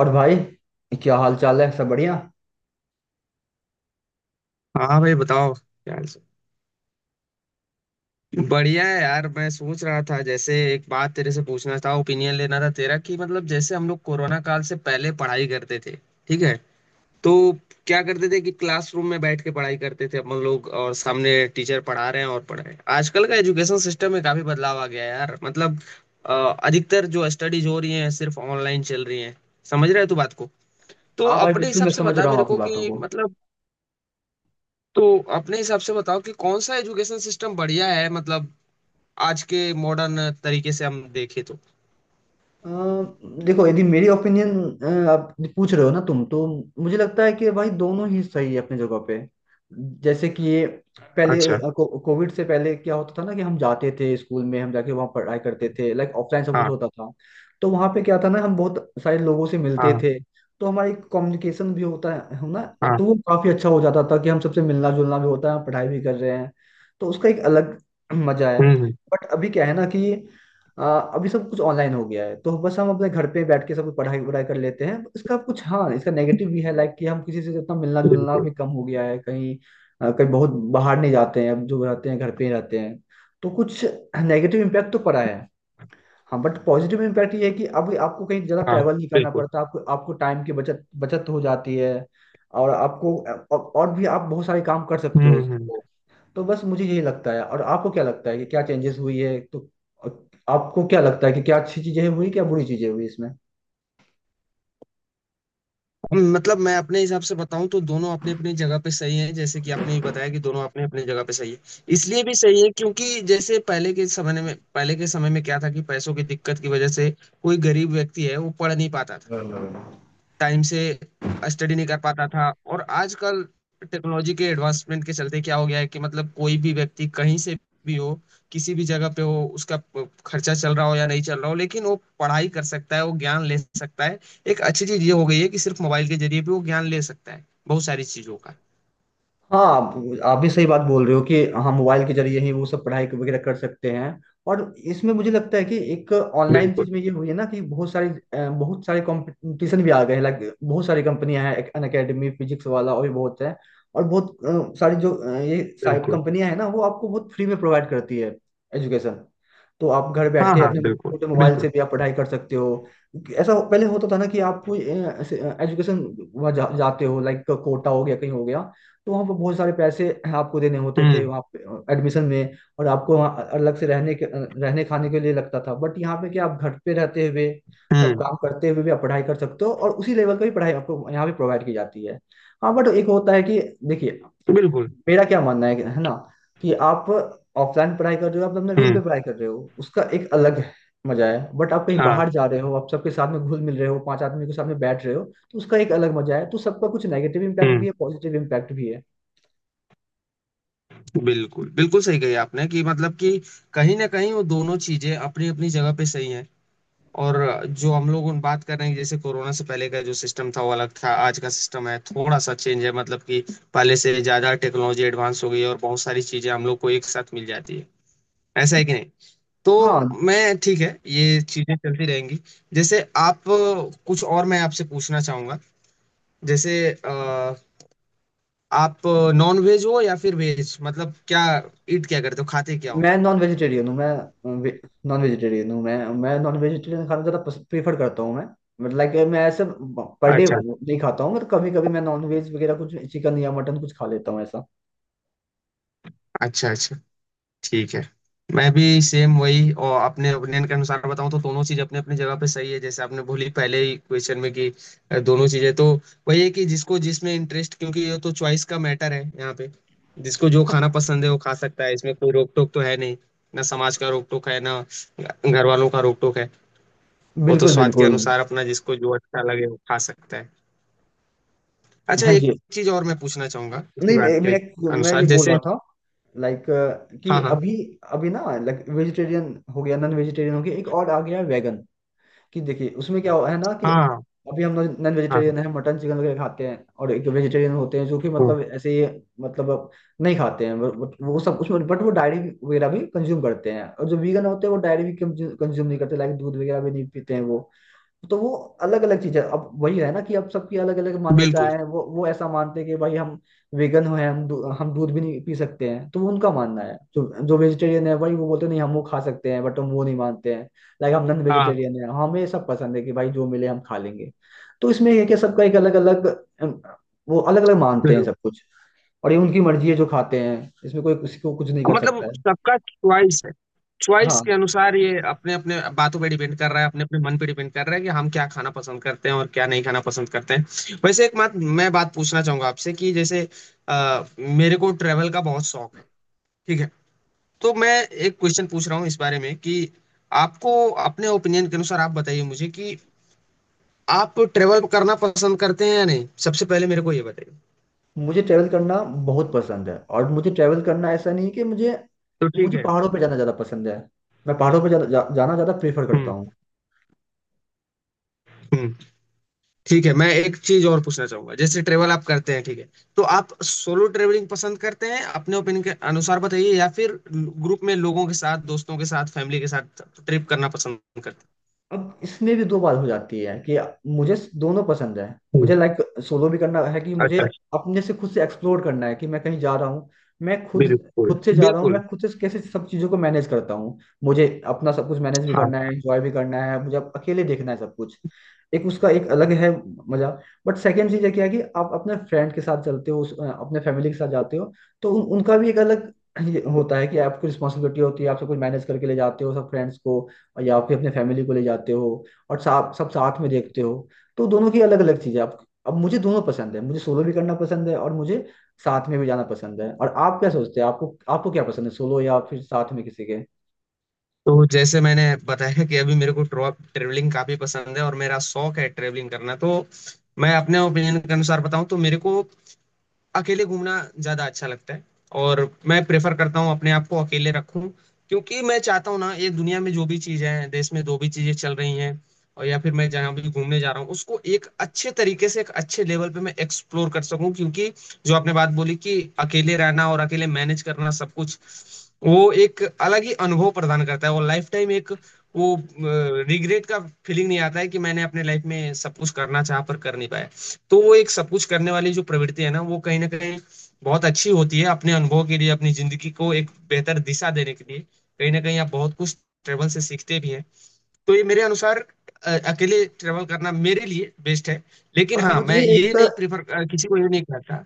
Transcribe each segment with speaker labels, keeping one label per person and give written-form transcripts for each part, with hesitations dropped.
Speaker 1: और भाई, क्या हाल चाल है? सब बढ़िया।
Speaker 2: हाँ भाई बताओ यार। बढ़िया है यार। मैं सोच रहा था, जैसे एक बात तेरे से पूछना था, ओपिनियन लेना था तेरा, कि मतलब जैसे हम लोग कोरोना काल से पहले पढ़ाई करते थे, ठीक है? तो क्या करते थे कि क्लासरूम में बैठ के पढ़ाई करते थे हम लोग, और सामने टीचर पढ़ा रहे हैं और पढ़ रहे हैं। आजकल का एजुकेशन सिस्टम में काफी बदलाव आ गया है यार। मतलब अ, अधिकतर जो स्टडीज हो रही हैं, सिर्फ ऑनलाइन चल रही हैं। समझ रहे हो तू बात को? तो
Speaker 1: हाँ भाई,
Speaker 2: अपने
Speaker 1: बिल्कुल
Speaker 2: हिसाब
Speaker 1: मैं
Speaker 2: से
Speaker 1: समझ
Speaker 2: बता
Speaker 1: रहा हूँ
Speaker 2: मेरे
Speaker 1: आपकी
Speaker 2: को
Speaker 1: बातों
Speaker 2: कि
Speaker 1: को।
Speaker 2: मतलब, तो अपने हिसाब से बताओ कि कौन सा एजुकेशन सिस्टम बढ़िया है, मतलब आज के मॉडर्न तरीके से हम देखें तो।
Speaker 1: अ, देखो, यदि मेरी ओपिनियन आप पूछ रहे हो ना तुम तो मुझे लगता है कि भाई दोनों ही सही है अपनी जगह पे। जैसे कि ये पहले
Speaker 2: अच्छा।
Speaker 1: कोविड से पहले क्या होता था ना कि हम जाते थे स्कूल में, हम जाके वहाँ पढ़ाई करते थे, लाइक ऑफलाइन सब कुछ
Speaker 2: हाँ।
Speaker 1: होता था। तो वहाँ पे क्या था ना, हम बहुत सारे लोगों से मिलते
Speaker 2: हाँ।
Speaker 1: थे। तो हमारी कम्युनिकेशन भी होता है ना?
Speaker 2: हाँ।
Speaker 1: तो वो काफी अच्छा हो जाता था कि हम सबसे मिलना जुलना भी होता है, पढ़ाई भी कर रहे हैं। तो उसका एक अलग मजा है।
Speaker 2: हम्म हम्म,
Speaker 1: बट अभी क्या है ना कि अभी सब कुछ ऑनलाइन हो गया है, तो बस हम अपने घर पे बैठ के सब कुछ पढ़ाई वढ़ाई कर लेते हैं। इसका कुछ हाँ, इसका नेगेटिव भी है, लाइक कि हम किसी से जितना मिलना जुलना
Speaker 2: बिल्कुल।
Speaker 1: भी कम हो गया है कहीं। कहीं बहुत बाहर नहीं जाते हैं अब, जो रहते हैं घर पे ही रहते हैं। तो कुछ नेगेटिव इम्पैक्ट तो पड़ा है। हाँ, बट पॉजिटिव इम्पैक्ट ये है कि अब आपको कहीं ज़्यादा
Speaker 2: हाँ।
Speaker 1: ट्रैवल नहीं करना
Speaker 2: बिल्कुल।
Speaker 1: पड़ता। आपको आपको टाइम की बचत बचत हो जाती है और आपको और भी आप बहुत सारे काम कर सकते
Speaker 2: हम्म
Speaker 1: हो।
Speaker 2: हम्म
Speaker 1: तो बस मुझे यही लगता है। और आपको क्या लगता है कि क्या चेंजेस हुई है? तो आपको क्या लगता है कि क्या अच्छी चीजें हुई, क्या बुरी चीजें हुई इसमें?
Speaker 2: मतलब मैं अपने हिसाब से बताऊं तो दोनों अपनी अपनी जगह पे सही है। जैसे कि आपने भी बताया कि दोनों अपने अपने जगह पे सही है। इसलिए भी सही है क्योंकि जैसे पहले के समय में, पहले के समय में क्या था कि पैसों की दिक्कत की वजह से कोई गरीब व्यक्ति है वो पढ़ नहीं पाता था, टाइम से स्टडी नहीं कर पाता था। और आजकल टेक्नोलॉजी के एडवांसमेंट के चलते क्या हो गया है कि मतलब कोई भी व्यक्ति कहीं से भी हो, किसी भी जगह पे हो, उसका खर्चा चल रहा हो या नहीं चल रहा हो, लेकिन वो पढ़ाई कर सकता है, वो ज्ञान ले सकता है। एक अच्छी चीज ये हो गई है कि सिर्फ मोबाइल के जरिए भी वो ज्ञान ले सकता है बहुत सारी चीजों का।
Speaker 1: हाँ, आप भी सही बात बोल रहे हो कि हम मोबाइल के जरिए ही वो सब पढ़ाई वगैरह कर सकते हैं। और इसमें मुझे लगता है कि एक ऑनलाइन
Speaker 2: बिल्कुल।
Speaker 1: चीज में ये हुई है ना कि बहुत सारे बहुत सारे कंपटीशन भी आ गए हैं, लाइक बहुत सारी कंपनियां हैं, अन अकेडमी, फिजिक्स वाला, और भी बहुत है। और बहुत सारी जो ये साइट
Speaker 2: बिल्कुल।
Speaker 1: कंपनियां हैं ना, वो आपको बहुत फ्री में प्रोवाइड करती है एजुकेशन। तो आप घर
Speaker 2: हाँ
Speaker 1: बैठे
Speaker 2: हाँ,
Speaker 1: अपने
Speaker 2: बिल्कुल
Speaker 1: छोटे मोबाइल
Speaker 2: बिल्कुल।
Speaker 1: से भी आप पढ़ाई कर सकते हो। ऐसा पहले होता था ना कि आप कोई एजुकेशन जाते हो, लाइक कोटा हो गया, कहीं हो गया, तो वहाँ पर बहुत सारे पैसे आपको देने होते थे
Speaker 2: हम्म
Speaker 1: वहाँ पे एडमिशन में, और आपको वहाँ अलग से रहने के रहने खाने के लिए लगता था। बट यहाँ पे क्या, आप घर पे रहते हुए सब
Speaker 2: हम्म
Speaker 1: काम करते हुए भी आप पढ़ाई कर सकते हो, और उसी लेवल की भी पढ़ाई आपको यहाँ पे प्रोवाइड की जाती है। हाँ, बट एक होता है कि देखिए
Speaker 2: बिल्कुल।
Speaker 1: मेरा क्या मानना है कि- है ना कि आप ऑफलाइन पढ़ाई कर रहे हो, आप अपने रूम पे
Speaker 2: हम्म
Speaker 1: पढ़ाई कर रहे हो, उसका एक अलग मजा है। बट आप कहीं
Speaker 2: हाँ।
Speaker 1: बाहर जा रहे हो, आप सबके साथ में घुल मिल रहे हो, पांच आदमी के साथ में बैठ रहे हो, तो उसका एक अलग मजा है। तो सबका कुछ नेगेटिव इम्पैक्ट
Speaker 2: हम्म
Speaker 1: भी है, पॉजिटिव इम्पैक्ट भी है।
Speaker 2: बिल्कुल बिल्कुल सही कही आपने कि मतलब कि कहीं ना कहीं वो दोनों चीजें अपनी अपनी जगह पे सही हैं। और जो हम लोग उन बात कर रहे हैं, जैसे कोरोना से पहले का जो सिस्टम था वो अलग था, आज का सिस्टम है थोड़ा सा चेंज है। मतलब कि पहले से ज्यादा टेक्नोलॉजी एडवांस हो गई है और बहुत सारी चीजें हम लोग को एक साथ मिल जाती है। ऐसा है कि नहीं? तो
Speaker 1: हाँ,
Speaker 2: मैं, ठीक है, ये चीजें चलती रहेंगी। जैसे आप, कुछ और मैं आपसे पूछना चाहूंगा। जैसे अ, आप नॉन वेज हो या फिर वेज? मतलब क्या ईट क्या करते हो, खाते क्या हो?
Speaker 1: मैं नॉन वेजिटेरियन हूँ। मैं नॉन वेजिटेरियन हूँ मैं, नॉन वेजिटेरियन खाना ज़्यादा प्रेफर करता हूँ मैं। मतलब लाइक मैं ऐसे पर डे
Speaker 2: अच्छा।
Speaker 1: नहीं खाता हूँ, मतलब कभी कभी मैं नॉन वेज वगैरह, कुछ चिकन या मटन कुछ खा लेता हूँ ऐसा।
Speaker 2: अच्छा अच्छा। ठीक है। मैं भी सेम वही, और अपने ओपिनियन के अनुसार बताऊं तो दोनों चीज अपने अपने जगह पे सही है। जैसे आपने बोली पहले ही क्वेश्चन में कि दोनों चीजें तो वही है कि जिसको जिसमें इंटरेस्ट, क्योंकि ये तो चॉइस का मैटर है यहाँ पे। जिसको जो खाना पसंद है वो खा सकता है। इसमें कोई रोक टोक तो है नहीं, ना समाज का रोक टोक है, ना घर वालों का रोक टोक है। वो तो
Speaker 1: बिल्कुल
Speaker 2: स्वाद के
Speaker 1: बिल्कुल।
Speaker 2: अनुसार अपना जिसको जो अच्छा लगे वो खा सकता है। अच्छा,
Speaker 1: हाँ
Speaker 2: एक
Speaker 1: जी,
Speaker 2: चीज और मैं पूछना चाहूंगा इसी
Speaker 1: नहीं,
Speaker 2: बात
Speaker 1: मैं
Speaker 2: के
Speaker 1: मैं मैं
Speaker 2: अनुसार।
Speaker 1: ये बोल रहा
Speaker 2: जैसे,
Speaker 1: था लाइक कि
Speaker 2: हाँ हाँ।
Speaker 1: अभी अभी ना, लाइक वेजिटेरियन हो गया, नॉन वेजिटेरियन हो गया, एक और आ गया वेगन। कि देखिए उसमें क्या हो- है ना कि
Speaker 2: हाँ।
Speaker 1: अभी हम नॉन
Speaker 2: हाँ।
Speaker 1: वेजिटेरियन है, मटन चिकन वगैरह खाते हैं, और एक वेजिटेरियन होते हैं जो कि
Speaker 2: हाँ,
Speaker 1: मतलब ऐसे ही मतलब नहीं खाते हैं, बट वो सब उसमें, बट वो डायरी वगैरह भी कंज्यूम करते हैं। और जो वीगन होते हैं, वो डायरी भी कंज्यूम नहीं करते, लाइक दूध वगैरह भी नहीं पीते हैं वो। तो वो अलग अलग चीज है। अब वही है ना कि अब सबकी अलग अलग मान्यताएं
Speaker 2: बिल्कुल।
Speaker 1: हैं। वो ऐसा मानते हैं कि भाई हम वेगन हैं, हम दूध भी नहीं पी सकते हैं, तो वो उनका मानना है। जो जो वेजिटेरियन है भाई, वो बोलते हैं, नहीं हम वो खा सकते हैं, बट हम वो नहीं मानते हैं, लाइक हम नॉन
Speaker 2: हाँ हाँ,
Speaker 1: वेजिटेरियन है, हमें सब पसंद है कि भाई जो मिले हम खा लेंगे। तो इसमें ये है कि सबका एक अलग अलग वो, अलग अलग मानते हैं
Speaker 2: बिल्कुल।
Speaker 1: सब कुछ। और ये उनकी मर्जी है जो खाते हैं, इसमें कोई किसी को कुछ नहीं कर
Speaker 2: मतलब
Speaker 1: सकता है।
Speaker 2: सबका चॉइस है। चॉइस
Speaker 1: हाँ,
Speaker 2: के अनुसार ये अपने अपने बातों पे डिपेंड कर रहा है, अपने अपने मन पे डिपेंड कर रहा है कि हम क्या खाना पसंद करते हैं और क्या नहीं खाना पसंद करते हैं। वैसे एक बात मैं बात पूछना चाहूंगा आपसे कि जैसे मेरे को ट्रेवल का बहुत शौक है, ठीक है? तो मैं एक क्वेश्चन पूछ रहा हूँ इस बारे में कि आपको, अपने ओपिनियन के अनुसार आप बताइए मुझे कि आप ट्रेवल करना पसंद करते हैं या नहीं, सबसे पहले मेरे को ये बताइए।
Speaker 1: मुझे ट्रैवल करना बहुत पसंद है, और मुझे ट्रैवल करना ऐसा नहीं कि मुझे
Speaker 2: तो ठीक
Speaker 1: मुझे
Speaker 2: है।
Speaker 1: पहाड़ों पे जाना ज़्यादा पसंद है। मैं पहाड़ों पे जा, जा, जाना ज़्यादा प्रेफर करता
Speaker 2: हम्म
Speaker 1: हूँ।
Speaker 2: हम्म। ठीक है, मैं एक चीज और पूछना चाहूंगा। जैसे ट्रेवल आप करते हैं, ठीक है, तो आप सोलो ट्रेवलिंग पसंद करते हैं अपने ओपिनियन के अनुसार, बताइए, या फिर ग्रुप में लोगों के साथ, दोस्तों के साथ, फैमिली के साथ ट्रिप करना पसंद करते?
Speaker 1: अब इसमें भी दो बात हो जाती है कि मुझे दोनों पसंद है।
Speaker 2: हम्म।
Speaker 1: मुझे लाइक सोलो भी करना है कि
Speaker 2: अच्छा
Speaker 1: मुझे
Speaker 2: अच्छा।
Speaker 1: अपने से खुद से एक्सप्लोर करना है कि मैं कहीं जा रहा हूँ, मैं खुद
Speaker 2: बिल्कुल
Speaker 1: खुद से
Speaker 2: हैं,
Speaker 1: जा रहा हूँ,
Speaker 2: बिल्कुल।
Speaker 1: मैं खुद से कैसे सब चीज़ों को मैनेज करता हूँ। मुझे अपना सब कुछ मैनेज भी
Speaker 2: हाँ।
Speaker 1: करना है, एंजॉय भी करना है, मुझे अब अकेले देखना है सब कुछ। एक उसका एक अलग है मजा। बट सेकेंड चीज़ है क्या है कि आप अपने फ्रेंड के साथ चलते हो, अपने फैमिली के साथ जाते हो, तो उनका भी एक अलग ये होता है कि आपको रिस्पॉन्सिबिलिटी होती है, आप सब कुछ मैनेज करके ले जाते हो सब फ्रेंड्स को या फिर अपने फैमिली को ले जाते हो, और साथ सब साथ में देखते हो। तो दोनों की अलग अलग चीजें। अब मुझे दोनों पसंद है, मुझे सोलो भी करना पसंद है और मुझे साथ में भी जाना पसंद है। और आप क्या सोचते हैं, आपको आपको क्या पसंद है, सोलो या फिर साथ में किसी के?
Speaker 2: तो जैसे मैंने बताया कि अभी मेरे को ट्रेवलिंग काफी पसंद है और मेरा शौक है ट्रेवलिंग करना। तो मैं अपने ओपिनियन के अनुसार बताऊं तो मेरे को अकेले घूमना ज्यादा अच्छा लगता है। और मैं प्रेफर करता हूँ अपने आप को अकेले रखूं क्योंकि मैं चाहता हूँ ना, ये दुनिया में जो भी चीजें हैं, देश में जो भी चीजें चल रही हैं, और या फिर मैं जहाँ भी घूमने जा रहा हूँ, उसको एक अच्छे तरीके से, एक अच्छे लेवल पे मैं एक्सप्लोर कर सकूं। क्योंकि जो आपने बात बोली कि अकेले रहना और अकेले मैनेज करना सब कुछ, वो एक अलग ही अनुभव प्रदान करता है। वो लाइफ टाइम एक, वो रिग्रेट का फीलिंग नहीं आता है कि मैंने अपने लाइफ में सब कुछ करना चाह पर कर नहीं पाया। तो वो एक सब कुछ करने वाली जो प्रवृत्ति है ना, वो कहीं ना कहीं बहुत अच्छी होती है अपने अनुभव के लिए, अपनी जिंदगी को एक बेहतर दिशा देने के लिए। कहीं ना कहीं आप बहुत कुछ ट्रेवल से सीखते भी हैं। तो ये मेरे अनुसार अकेले ट्रेवल करना मेरे लिए बेस्ट है। लेकिन
Speaker 1: और
Speaker 2: हाँ, मैं ये नहीं प्रिफर, किसी को ये नहीं कहता।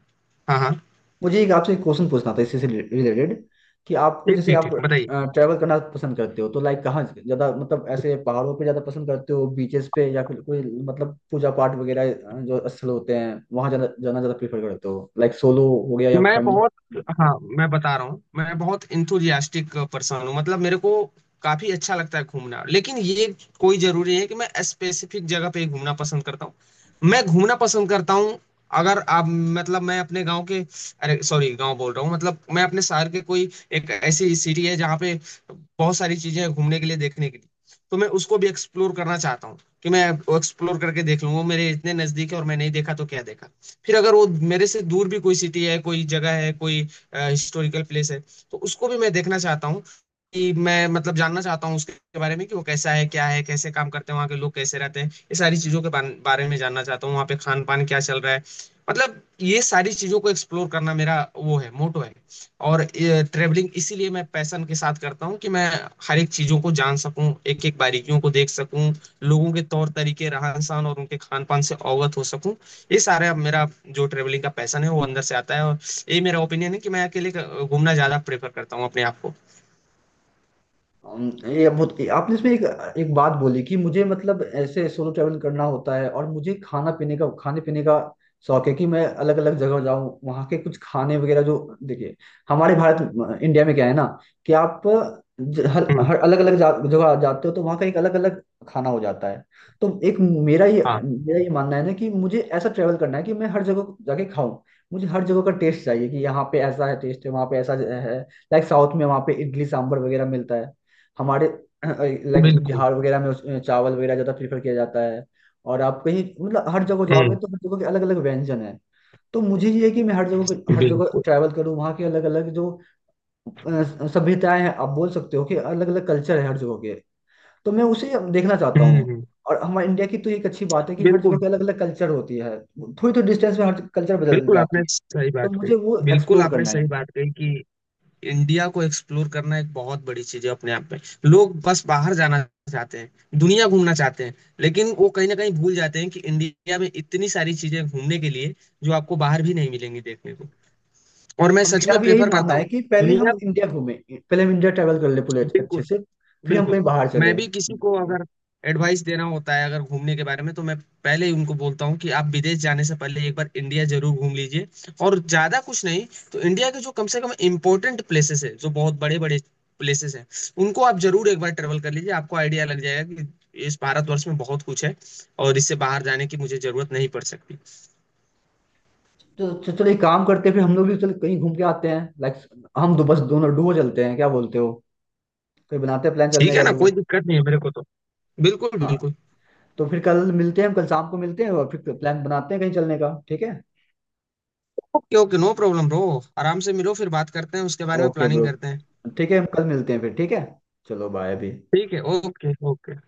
Speaker 2: हाँ हाँ।
Speaker 1: मुझे एक आपसे एक क्वेश्चन पूछना था इसी से रिलेटेड, कि आपको
Speaker 2: ठीक
Speaker 1: जैसे
Speaker 2: ठीक
Speaker 1: आप
Speaker 2: ठीक, बताइए।
Speaker 1: ट्रैवल करना पसंद करते हो तो लाइक कहाँ ज्यादा, मतलब ऐसे पहाड़ों पे ज्यादा पसंद करते हो, बीचेस पे, या फिर कोई मतलब पूजा पाठ वगैरह जो स्थल होते हैं वहां जाना जाना ज्यादा प्रेफर करते हो? लाइक सोलो हो गया या
Speaker 2: मैं
Speaker 1: फैमिली?
Speaker 2: बहुत, हाँ मैं बता रहा हूँ, मैं बहुत इंथुजियास्टिक पर्सन हूँ। मतलब मेरे को काफी अच्छा लगता है घूमना, लेकिन ये कोई जरूरी नहीं है कि मैं स्पेसिफिक जगह पे ही घूमना पसंद करता हूँ। मैं घूमना पसंद करता हूँ। अगर आप, मतलब मैं अपने गांव के, अरे सॉरी गांव बोल रहा हूँ, मतलब मैं अपने शहर के कोई, एक ऐसी सिटी है जहाँ पे बहुत सारी चीजें हैं घूमने के लिए, देखने के लिए, तो मैं उसको भी एक्सप्लोर करना चाहता हूँ। कि मैं एक्सप्लोर करके देख लूँ, वो मेरे इतने नजदीक है और मैं नहीं देखा तो क्या देखा। फिर अगर वो मेरे से दूर भी कोई सिटी है, कोई जगह है, कोई हिस्टोरिकल प्लेस है, तो उसको भी मैं देखना चाहता हूँ। कि मैं मतलब जानना चाहता हूँ उसके बारे में कि वो कैसा है, क्या है, कैसे काम करते हैं वहाँ के लोग, कैसे रहते हैं, ये सारी चीज़ों के बारे में जानना चाहता हूँ, वहाँ पे खान पान क्या चल रहा है। मतलब ये सारी चीज़ों को एक्सप्लोर करना मेरा वो है, मोटो है। और ट्रेवलिंग इसीलिए मैं पैशन के साथ करता हूँ कि मैं हर एक चीज़ों को जान सकूँ, एक एक बारीकियों को देख सकूँ, लोगों के तौर तरीके, रहन सहन और उनके खान पान से अवगत हो सकूँ। ये सारे अब मेरा जो ट्रेवलिंग का पैशन है, वो अंदर से आता है। और ये मेरा ओपिनियन है कि मैं अकेले घूमना ज्यादा प्रेफर करता हूँ अपने आप को।
Speaker 1: ये बहुत आपने इसमें एक एक बात बोली कि मुझे मतलब ऐसे सोलो ट्रैवल करना होता है, और मुझे खाना पीने का खाने पीने का शौक है कि मैं अलग अलग जगह जाऊं, वहां के कुछ खाने वगैरह जो, देखिए हमारे भारत इंडिया में क्या है ना कि आप ज- हर
Speaker 2: हम्म।
Speaker 1: हर अलग अलग जगह जाते हो, तो वहां का एक अलग अलग खाना हो जाता है। तो एक
Speaker 2: हाँ।
Speaker 1: मेरा ये मानना है ना कि मुझे ऐसा ट्रैवल करना है कि मैं हर जगह जाके खाऊं। मुझे हर जगह का टेस्ट चाहिए कि यहाँ पे ऐसा है टेस्ट है, वहाँ पे ऐसा है। लाइक साउथ में वहाँ पे इडली सांभर वगैरह मिलता है, हमारे लाइक
Speaker 2: बिल्कुल।
Speaker 1: बिहार वगैरह में चावल वगैरह ज्यादा प्रेफर किया जाता है। और आप कहीं मतलब हर जगह जाओगे
Speaker 2: हम्म।
Speaker 1: तो हर जगह के अलग अलग व्यंजन है। तो मुझे ये है कि मैं हर जगह
Speaker 2: बिल्कुल।
Speaker 1: ट्रैवल करूँ, वहाँ के अलग अलग जो सभ्यताएं हैं, आप बोल सकते हो कि अलग अलग कल्चर है हर जगह के, तो मैं उसे देखना चाहता
Speaker 2: हम्म
Speaker 1: हूँ।
Speaker 2: हम्म,
Speaker 1: और हमारे इंडिया की तो एक अच्छी बात है कि हर जगह
Speaker 2: बिल्कुल।
Speaker 1: की अलग अलग कल्चर होती है, थोड़ी थोड़ी डिस्टेंस में हर कल्चर बदल
Speaker 2: बिल्कुल
Speaker 1: जाती
Speaker 2: आपने
Speaker 1: है।
Speaker 2: सही
Speaker 1: तो
Speaker 2: बात कही,
Speaker 1: मुझे वो
Speaker 2: बिल्कुल
Speaker 1: एक्सप्लोर
Speaker 2: आपने
Speaker 1: करना
Speaker 2: सही
Speaker 1: है।
Speaker 2: बात कही कि इंडिया को एक्सप्लोर करना एक बहुत बड़ी चीज है अपने आप में। लोग बस बाहर जाना चाहते हैं, दुनिया घूमना चाहते हैं, लेकिन वो कहीं ना कहीं भूल जाते हैं कि इंडिया में इतनी सारी चीजें घूमने के लिए जो आपको बाहर भी नहीं मिलेंगी देखने को। और मैं
Speaker 1: हम,
Speaker 2: सच
Speaker 1: मेरा
Speaker 2: में
Speaker 1: भी यही
Speaker 2: प्रेफर
Speaker 1: मानना
Speaker 2: करता
Speaker 1: है
Speaker 2: हूँ
Speaker 1: कि पहले हम
Speaker 2: दुनिया।
Speaker 1: इंडिया घूमें, पहले हम इंडिया ट्रैवल कर ले पूरे अच्छे अच्छे
Speaker 2: बिल्कुल।
Speaker 1: से, फिर हम
Speaker 2: बिल्कुल।
Speaker 1: कहीं बाहर
Speaker 2: मैं
Speaker 1: चले।
Speaker 2: भी किसी को अगर एडवाइस देना होता है अगर घूमने के बारे में, तो मैं पहले ही उनको बोलता हूँ कि आप विदेश जाने से पहले एक बार इंडिया जरूर घूम लीजिए। और ज्यादा कुछ नहीं, तो इंडिया के जो कम से कम इम्पोर्टेंट प्लेसेस है, जो बहुत बड़े बड़े प्लेसेस हैं, उनको आप जरूर एक बार ट्रेवल कर लीजिए। आपको आइडिया लग जाएगा कि इस भारतवर्ष में बहुत कुछ है और इससे बाहर जाने की मुझे जरूरत नहीं पड़ सकती।
Speaker 1: तो चलो एक काम करते हैं, फिर हम लोग भी चलो कहीं घूम के आते हैं, लाइक हम दो बस दोनों डुओ चलते हैं, क्या बोलते हो? कहीं बनाते हैं प्लान
Speaker 2: ठीक
Speaker 1: चलने
Speaker 2: है
Speaker 1: का,
Speaker 2: ना, कोई
Speaker 1: डुओ।
Speaker 2: दिक्कत नहीं है मेरे को तो। बिल्कुल
Speaker 1: हाँ,
Speaker 2: बिल्कुल।
Speaker 1: तो फिर कल मिलते हैं, हम कल शाम को मिलते हैं और फिर प्लान बनाते हैं कहीं चलने का, ठीक है?
Speaker 2: Okay okay, no problem bro. आराम से मिलो, फिर बात करते हैं उसके बारे में,
Speaker 1: ओके
Speaker 2: प्लानिंग
Speaker 1: ब्रो,
Speaker 2: करते हैं।
Speaker 1: ठीक है, हम कल मिलते हैं फिर, ठीक है, चलो बाय अभी।
Speaker 2: ठीक है। Okay okay.